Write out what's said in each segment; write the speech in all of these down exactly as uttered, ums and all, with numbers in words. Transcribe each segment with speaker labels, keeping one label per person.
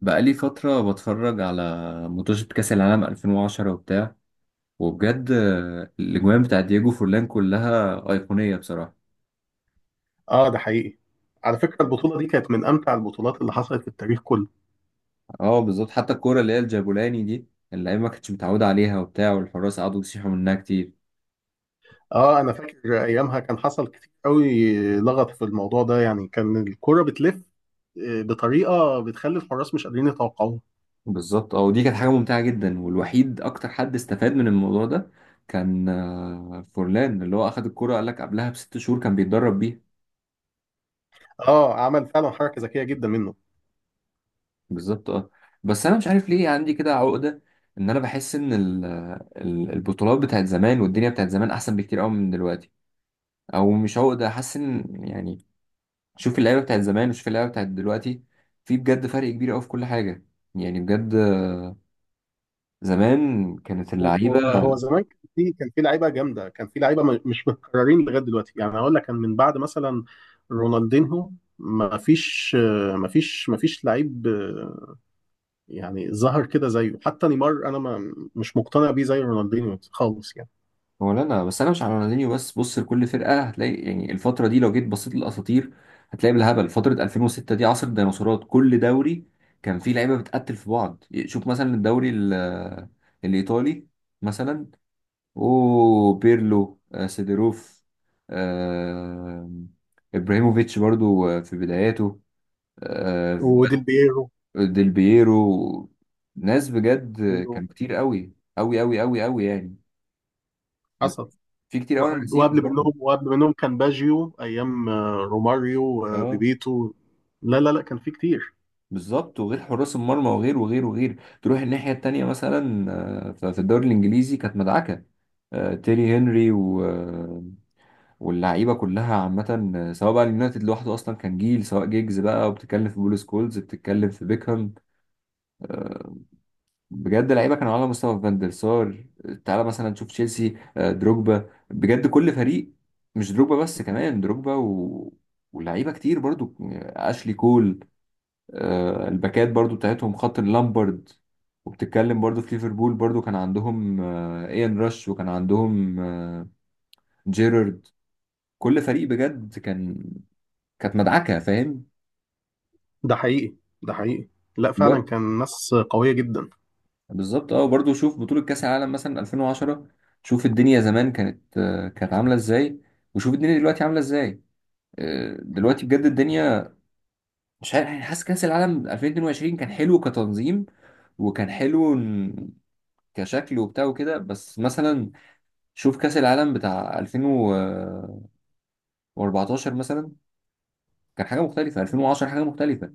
Speaker 1: بقالي فترة بتفرج على ماتشات كأس العالم ألفين وعشرة وبتاع. وبجد آه، الأجوان بتاع دييجو فورلان كلها أيقونية بصراحة.
Speaker 2: اه، ده حقيقي. على فكرة البطولة دي كانت من أمتع البطولات اللي حصلت في التاريخ كله.
Speaker 1: اه بالظبط. حتى الكورة اللي هي الجابولاني دي اللعيبة ما كانتش متعودة عليها وبتاع، والحراس قعدوا يصيحوا منها كتير.
Speaker 2: آه، أنا فاكر أيامها كان حصل كتير قوي لغط في الموضوع ده، يعني كان الكرة بتلف آه، بطريقة بتخلي الحراس مش قادرين يتوقعوها.
Speaker 1: بالظبط اه. ودي كانت حاجة ممتعة جدا، والوحيد أكتر حد استفاد من الموضوع ده كان آه، فورلان، اللي هو أخد الكورة قال لك قبلها بست شهور كان بيتدرب بيها.
Speaker 2: آه، عمل فعلا حركة ذكية جدا منه.
Speaker 1: بالظبط اه. بس انا مش عارف ليه عندي كده عقده ان انا بحس ان ال- ال- البطولات بتاعت زمان والدنيا بتاعت زمان احسن بكتير قوي من دلوقتي. او مش عقده، حاسس ان يعني شوف اللعيبه بتاعت زمان وشوف اللعيبه بتاعت دلوقتي، في بجد فرق كبير قوي في كل حاجه، يعني بجد. زمان كانت اللعيبه.
Speaker 2: هو هو زمان كان في كان في لعيبة جامدة، كان في لعيبة م- مش متكررين لغاية دلوقتي، يعني هقول لك كان من بعد مثلا رونالدينهو. ما فيش آه، ما فيش ما فيش لعيب، يعني ظهر كده زيه. حتى نيمار انا ما مش مقتنع بيه زي رونالدينيو خالص يعني.
Speaker 1: هو لا لا، بس انا مش على رونالدينيو بس، بص لكل فرقه هتلاقي، يعني الفتره دي لو جيت بصيت للاساطير هتلاقي بالهبل. فتره ألفين وستة دي عصر الديناصورات، كل دوري كان فيه لعيبه بتقتل في بعض. شوف مثلا الدوري ال- الايطالي مثلا، او بيرلو، آه، سيدروف، آه، ابراهيموفيتش برضو آه، في بداياته، آه،
Speaker 2: وديل بييرو
Speaker 1: ديل بييرو، ناس بجد. كان كتير قوي قوي قوي قوي قوي يعني.
Speaker 2: حصل.
Speaker 1: في كتير قوي انا نسيهم
Speaker 2: وقبل
Speaker 1: برضو.
Speaker 2: منهم وقبل منهم كان باجيو، ايام آه، روماريو، آه،
Speaker 1: اه
Speaker 2: بيبيتو. لا لا لا، كان في كتير.
Speaker 1: بالظبط. وغير حراس المرمى، وغير وغير وغير. تروح الناحية التانية مثلا، آه، ف- في الدوري الإنجليزي كانت مدعكة. آه، تيري هنري و... آه، واللعيبة كلها عامة، آه، سواء بقى اليونايتد لوحده أصلا كان جيل، سواء جيجز بقى، وبتتكلم في بول سكولز، بتتكلم في بيكهام. بجد لعيبة كانوا على مستوى فان دير سار. تعالى مثلا تشوف تشيلسي، آه، دروجبا، بجد كل فريق. مش دروجبا بس، كمان دروجبا و... ولعيبة كتير برضو، آه، أشلي كول، آه، الباكات برضو بتاعتهم، خط اللامبرد. وبتتكلم برضو في ليفربول، برضو كان عندهم آه، ايان راش، وكان عندهم آه، جيرارد. كل فريق بجد كان كانت مدعكة، فاهم.
Speaker 2: ده حقيقي. ده حقيقي. لا فعلا
Speaker 1: دلوقتي
Speaker 2: كان ناس قوية جدا.
Speaker 1: بالظبط اه. برضو شوف بطولة كأس العالم مثلا ألفين وعشرة، شوف الدنيا زمان كانت آه، كانت عاملة ازاي، وشوف الدنيا دلوقتي عاملة ازاي. آه، دلوقتي بجد الدنيا، مش عارف يعني. حاسس كأس العالم ألفين واتنين وعشرين كان حلو كتنظيم، وكان حلو إن- كشكل وبتاع وكده. بس مثلا شوف كأس العالم بتاع ألفين واربعتاشر مثلا، كان حاجة مختلفة. ألفين وعشرة حاجة مختلفة.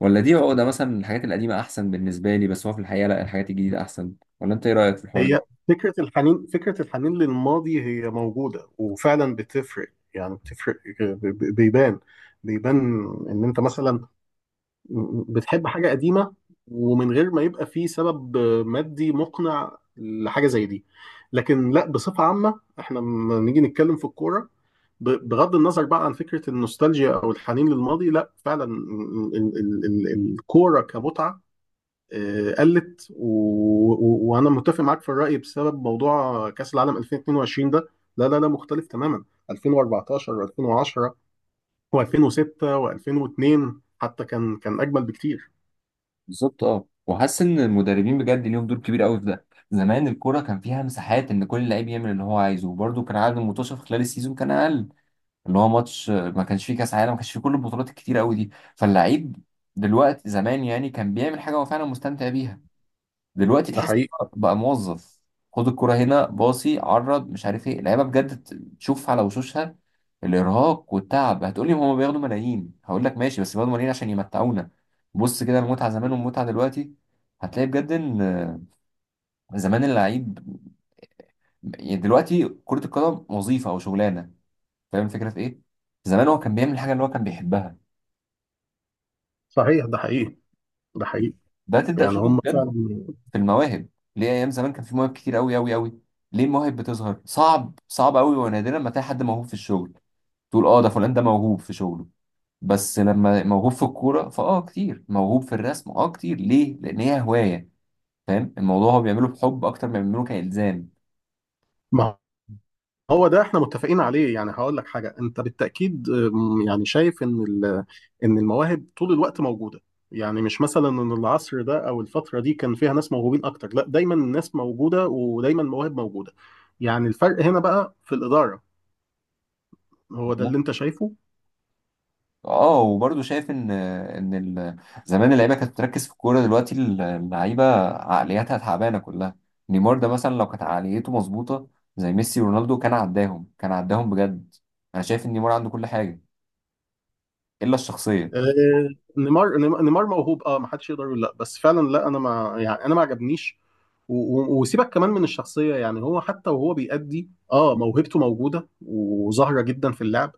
Speaker 1: ولا دي عقدة مثلا من الحاجات القديمة أحسن بالنسبة لي، بس هو في الحقيقة لا الحاجات الجديدة أحسن؟ ولا أنت إيه رأيك في الحوار ده؟
Speaker 2: هي فكرة الحنين فكرة الحنين للماضي، هي موجودة وفعلا بتفرق، يعني بتفرق. آه، ب- ب- بيبان بيبان. ان انت مثلا بتحب حاجة قديمة، ومن غير ما يبقى فيه سبب مادي مقنع لحاجة زي دي. لكن لا، بصفة عامة احنا لما نيجي نتكلم في الكورة، ب- بغض النظر بقى عن فكرة النوستالجيا أو الحنين للماضي، لا فعلا ال- ال- ال- الكورة كمتعة. آه، قلت، و- و- وأنا متفق معاك في الرأي، بسبب موضوع كأس العالم ألفين واتنين وعشرين ده. لا لا لا، مختلف تماما. ألفين وأربعتاشر و2010 و2006 و2002 حتى كان كان أجمل بكتير.
Speaker 1: بالظبط أه. وحاسس إن المدربين بجد ليهم دور كبير قوي في ده. زمان الكورة كان فيها مساحات، إن كل لعيب يعمل اللي هو عايزه. وبرده كان عدد المتوشة في خلال السيزون كان أقل، اللي هو ماتش ما كانش فيه كأس عالم، ما كانش فيه كل البطولات الكتيرة قوي دي. فاللعيب دلوقتي زمان يعني كان بيعمل حاجة هو فعلا مستمتع بيها. دلوقتي
Speaker 2: ده
Speaker 1: تحس
Speaker 2: حقيقي.
Speaker 1: بقى موظف، خد الكرة هنا، باصي عرض، مش عارف ايه. اللعيبه بجد تشوف على وشوشها الارهاق والتعب. هتقولي هما بياخدوا ملايين، هقول لك ماشي، بس بياخدوا ملايين عشان يمتعونا. بص كده المتعه زمان والمتعه دلوقتي، هتلاقي بجد ان زمان اللعيب، يعني دلوقتي كرة القدم وظيفة أو شغلانة. فاهم الفكرة في إيه؟ زمان هو كان بيعمل الحاجة اللي هو كان بيحبها.
Speaker 2: صحيح. ده حقيقي. ده حقيقي.
Speaker 1: ده تبدأ
Speaker 2: يعني
Speaker 1: تشوفه
Speaker 2: هم
Speaker 1: بجد
Speaker 2: فعلا.
Speaker 1: في المواهب. ليه ايام زمان كان في مواهب كتير قوي قوي قوي؟ ليه المواهب بتظهر صعب صعب قوي، ونادرا ما تلاقي حد موهوب في الشغل تقول اه ده فلان ده موهوب في شغله؟ بس لما موهوب في الكوره فاه كتير، موهوب في الرسم اه كتير. ليه؟ لان هي هوايه. فاهم الموضوع هو بيعمله بحب اكتر ما بيعمله كالزام.
Speaker 2: ما هو ده احنا متفقين عليه. يعني هقول لك حاجه، انت بالتاكيد أم، يعني شايف ان ال- ان المواهب طول الوقت موجوده. يعني مش مثلا ان العصر ده او الفتره دي كان فيها ناس موهوبين اكتر، لا دايما الناس موجوده ودايما المواهب موجوده. يعني الفرق هنا بقى في الاداره، هو ده اللي انت شايفه.
Speaker 1: اه وبرضه شايف ان ان ال- زمان اللعيبه كانت بتركز في الكوره، دلوقتي اللعيبه عقلياتها تعبانه كلها. نيمار ده مثلا لو كانت عقليته مظبوطه زي ميسي ورونالدو كان عداهم، كان عداهم بجد. انا شايف ان نيمار عنده كل حاجه الا الشخصيه.
Speaker 2: آه، نيمار نيمار نيمار موهوب، اه ما حدش يقدر يقول لا. بس فعلا لا، انا ما يعني انا ما عجبنيش. و- و- وسيبك كمان من الشخصيه، يعني هو حتى وهو بيأدي اه موهبته موجوده وظاهره جدا في اللعب.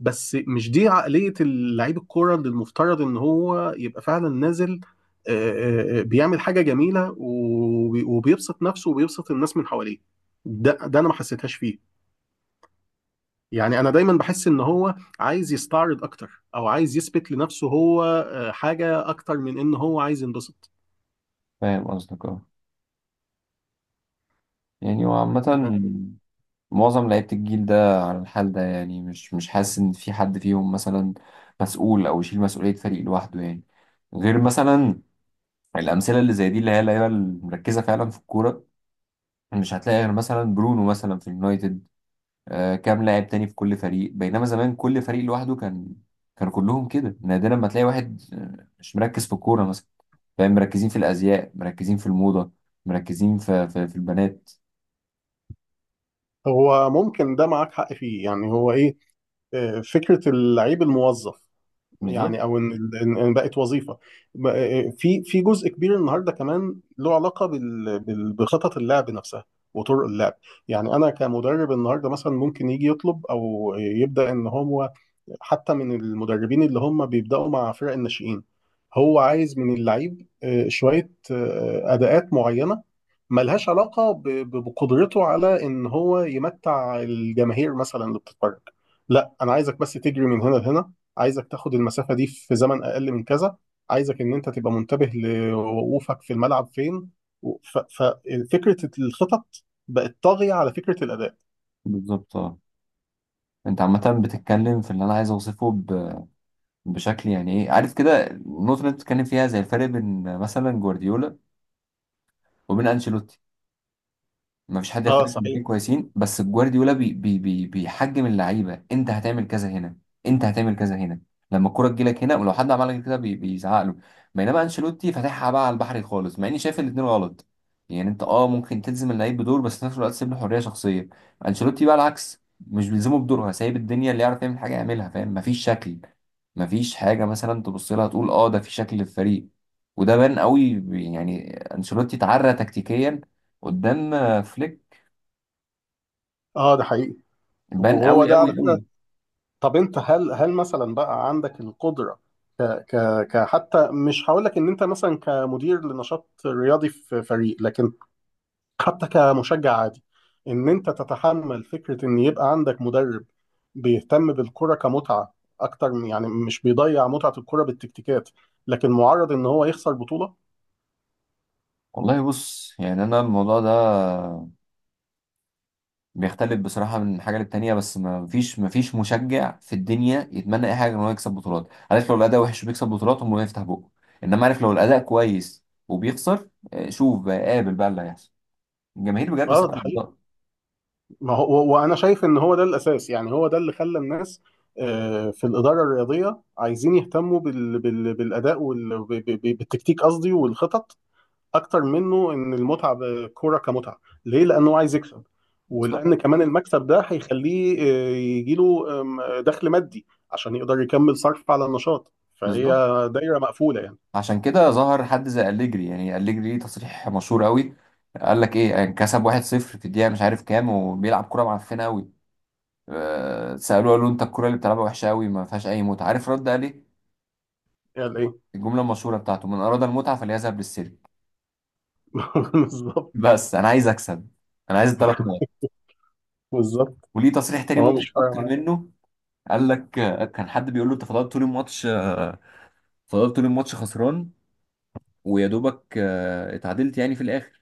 Speaker 2: بس مش دي عقليه اللعيب الكوره اللي المفترض ان هو يبقى فعلا نازل، آه، آه، آه، بيعمل حاجه جميله، وبي- وبيبسط نفسه وبيبسط الناس من حواليه. ده ده انا ما حسيتهاش فيه. يعني انا دايما بحس ان هو عايز يستعرض اكتر، او عايز يثبت لنفسه هو آه، حاجه اكتر من ان هو عايز ينبسط.
Speaker 1: فاهم قصدك اه. يعني وعامه معظم لعيبه الجيل ده على الحال ده، يعني مش مش حاسس ان في حد فيهم مثلا مسؤول او يشيل مسؤوليه فريق لوحده، يعني غير مثلا الامثله اللي زي دي اللي هي اللعيبه المركزه فعلا في الكوره. مش هتلاقي غير مثلا برونو مثلا في اليونايتد، آه كام لاعب تاني في كل فريق. بينما زمان كل فريق لوحده كان كان كلهم كده. نادرا ما تلاقي واحد آه، مش مركز في الكورة مثلا، فاهم. مركزين في الأزياء، مركزين في الموضة، مركزين في في, في البنات.
Speaker 2: هو ممكن ده معاك حق فيه، يعني هو ايه، آه، فكره اللعيب الموظف.
Speaker 1: بالظبط.
Speaker 2: يعني، او ان إن- إن بقت وظيفه. ب- آه، في في جزء كبير النهارده كمان له علاقه بال- بال- بخطط اللعب نفسها، وطرق اللعب. يعني انا كمدرب النهارده مثلا ممكن يجي يطلب او يبدا ان هو، حتى من المدربين اللي هم بيبدأوا مع فرق الناشئين، هو عايز من اللعيب آه، شوية آه، أداءات معينة، ملهاش علاقة ب- ب- بقدرته على إن هو يمتع الجماهير مثلا اللي بتتفرج. لا، أنا عايزك بس تجري من هنا لهنا، عايزك تاخد المسافة دي في زمن أقل من كذا، عايزك إن أنت تبقى منتبه لوقوفك في الملعب فين. ففكرة الخطط بقت طاغية على فكرة الأداء.
Speaker 1: بالظبط اه. انت عامة بتتكلم في اللي انا عايز اوصفه ب- بشكل يعني ايه، عارف كده. النقطة اللي انت بتتكلم فيها زي الفرق بين مثلا جوارديولا وبين انشيلوتي. ما فيش حد
Speaker 2: اه
Speaker 1: يختلف ان
Speaker 2: صحيح.
Speaker 1: الاثنين كويسين، بس جوارديولا بي بي بي بيحجم اللعيبه. انت هتعمل كذا هنا، انت هتعمل كذا هنا، لما الكره تجيلك هنا. ولو حد عمل لك كده بي بيزعق له. بينما انشيلوتي فاتحها بقى على البحر خالص، مع اني شايف الاثنين غلط. يعني انت اه ممكن تلزم اللعيب بدور، بس في نفس الوقت تسيب له حريه شخصيه. انشيلوتي بقى العكس، مش بيلزمه بدورها، سايب الدنيا، اللي يعرف يعمل حاجه يعملها. فاهم مفيش شكل، مفيش حاجه مثلا تبص لها تقول اه ده في شكل للفريق. وده بان قوي، يعني انشيلوتي اتعرى تكتيكيا قدام آه، فليك.
Speaker 2: اه ده حقيقي.
Speaker 1: بان
Speaker 2: وهو
Speaker 1: قوي
Speaker 2: ده
Speaker 1: قوي
Speaker 2: على فكرة.
Speaker 1: قوي.
Speaker 2: طب انت، هل هل مثلا بقى عندك القدره، ك ك ك حتى مش هقول لك ان انت مثلا كمدير لنشاط رياضي في فريق، لكن حتى كمشجع عادي، ان انت تتحمل فكره ان يبقى عندك مدرب بيهتم بالكره كمتعه اكتر من- يعني مش بيضيع متعه الكره بالتكتيكات، لكن معرض ان هو يخسر بطوله.
Speaker 1: والله بص، يعني انا الموضوع ده بيختلف بصراحه من حاجه للتانيه، بس ما فيش ما فيش مشجع في الدنيا يتمنى اي حاجه غير ان هو يكسب بطولات. عارف لو الاداء وحش وبيكسب بطولات هم يفتح بقه. انما عارف لو الاداء كويس وبيخسر، آه، شوف بقى قابل بقى اللي هيحصل. الجماهير بجد
Speaker 2: اه ده.
Speaker 1: صعبه. بالظبط.
Speaker 2: ما هو، وانا شايف ان هو ده الاساس، يعني هو ده اللي خلى الناس، آه، في الاداره الرياضيه، عايزين يهتموا بال... بال... بالاداء وال... ب... ب... ب- بالتكتيك، قصدي والخطط، اكتر منه ان المتعه بالكوره كمتعه. ليه؟ لانه عايز يكسب،
Speaker 1: بالظبط.
Speaker 2: ولان كمان المكسب ده هيخليه آه، يجي له دخل مادي عشان يقدر يكمل صرف على النشاط، فهي
Speaker 1: بالظبط
Speaker 2: دايره مقفوله يعني.
Speaker 1: عشان كده ظهر حد زي أليجري. يعني أليجري ليه تصريح مشهور قوي، قال لك ايه، يعني كسب واحد صفر في الدقيقه مش عارف كام وبيلعب كوره معفنه قوي. آه، سألوه، قالوا له انت الكرة اللي بتلعبها وحشة قوي، ما فيهاش اي متعة. عارف رد قال ايه؟
Speaker 2: يعني ايه؟
Speaker 1: الجملة المشهورة بتاعته، من اراد المتعة فليذهب للسيرك.
Speaker 2: بالظبط.
Speaker 1: بس انا عايز اكسب، انا عايز الثلاث نقط.
Speaker 2: بالظبط.
Speaker 1: وليه تصريح تاني
Speaker 2: هو مش
Speaker 1: مضحك اكتر
Speaker 2: فاهم.
Speaker 1: منه، قال لك آه، كان حد بيقول له انت فضلت طول الماتش آه، فضلت طول الماتش خسران، ويا دوبك آه، اتعادلت يعني في الاخر،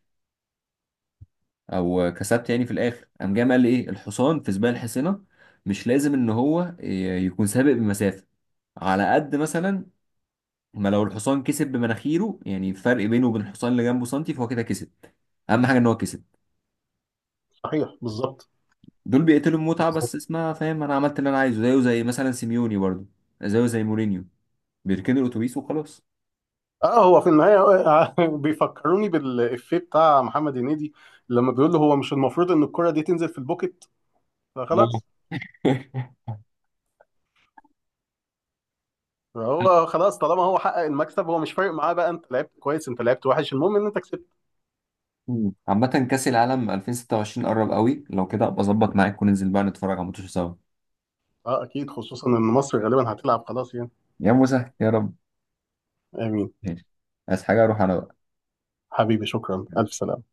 Speaker 1: او آه، كسبت يعني في الاخر. قام جاي قال ايه، الحصان في سباق الحصينة مش لازم ان هو ي- يكون سابق بمسافة. على قد مثلا ما لو الحصان كسب بمناخيره، يعني الفرق بينه وبين الحصان اللي جنبه سنتي، فهو كده كسب. اهم حاجه ان هو كسب.
Speaker 2: صحيح، بالظبط.
Speaker 1: دول بيقتلوا المتعه بس اسمها فاهم. انا عملت اللي انا عايزه، زيه زي مثلا سيميوني برضو، زيه زي مورينيو. بيركنوا الاتوبيس وخلاص.
Speaker 2: اه، هو في النهاية بيفكروني بالإفيه بتاع محمد هنيدي، لما بيقول له هو مش المفروض إن الكرة دي تنزل في البوكت.
Speaker 1: آه.
Speaker 2: فخلاص. فهو خلاص، طالما هو حقق المكسب هو مش فارق معاه بقى، أنت لعبت كويس أنت لعبت وحش، المهم إن أنت كسبت.
Speaker 1: مم. عامة كأس العالم ألفين وستة وعشرين قرب قوي، لو كده ابقى اظبط معاك وننزل بقى نتفرج على الماتش سوا.
Speaker 2: اه أكيد، خصوصا إن مصر غالبا هتلعب، خلاص يعني.
Speaker 1: يا موسى يا رب.
Speaker 2: آمين.
Speaker 1: ماشي. عايز حاجة اروح انا بقى.
Speaker 2: حبيبي شكرا، ألف سلامة.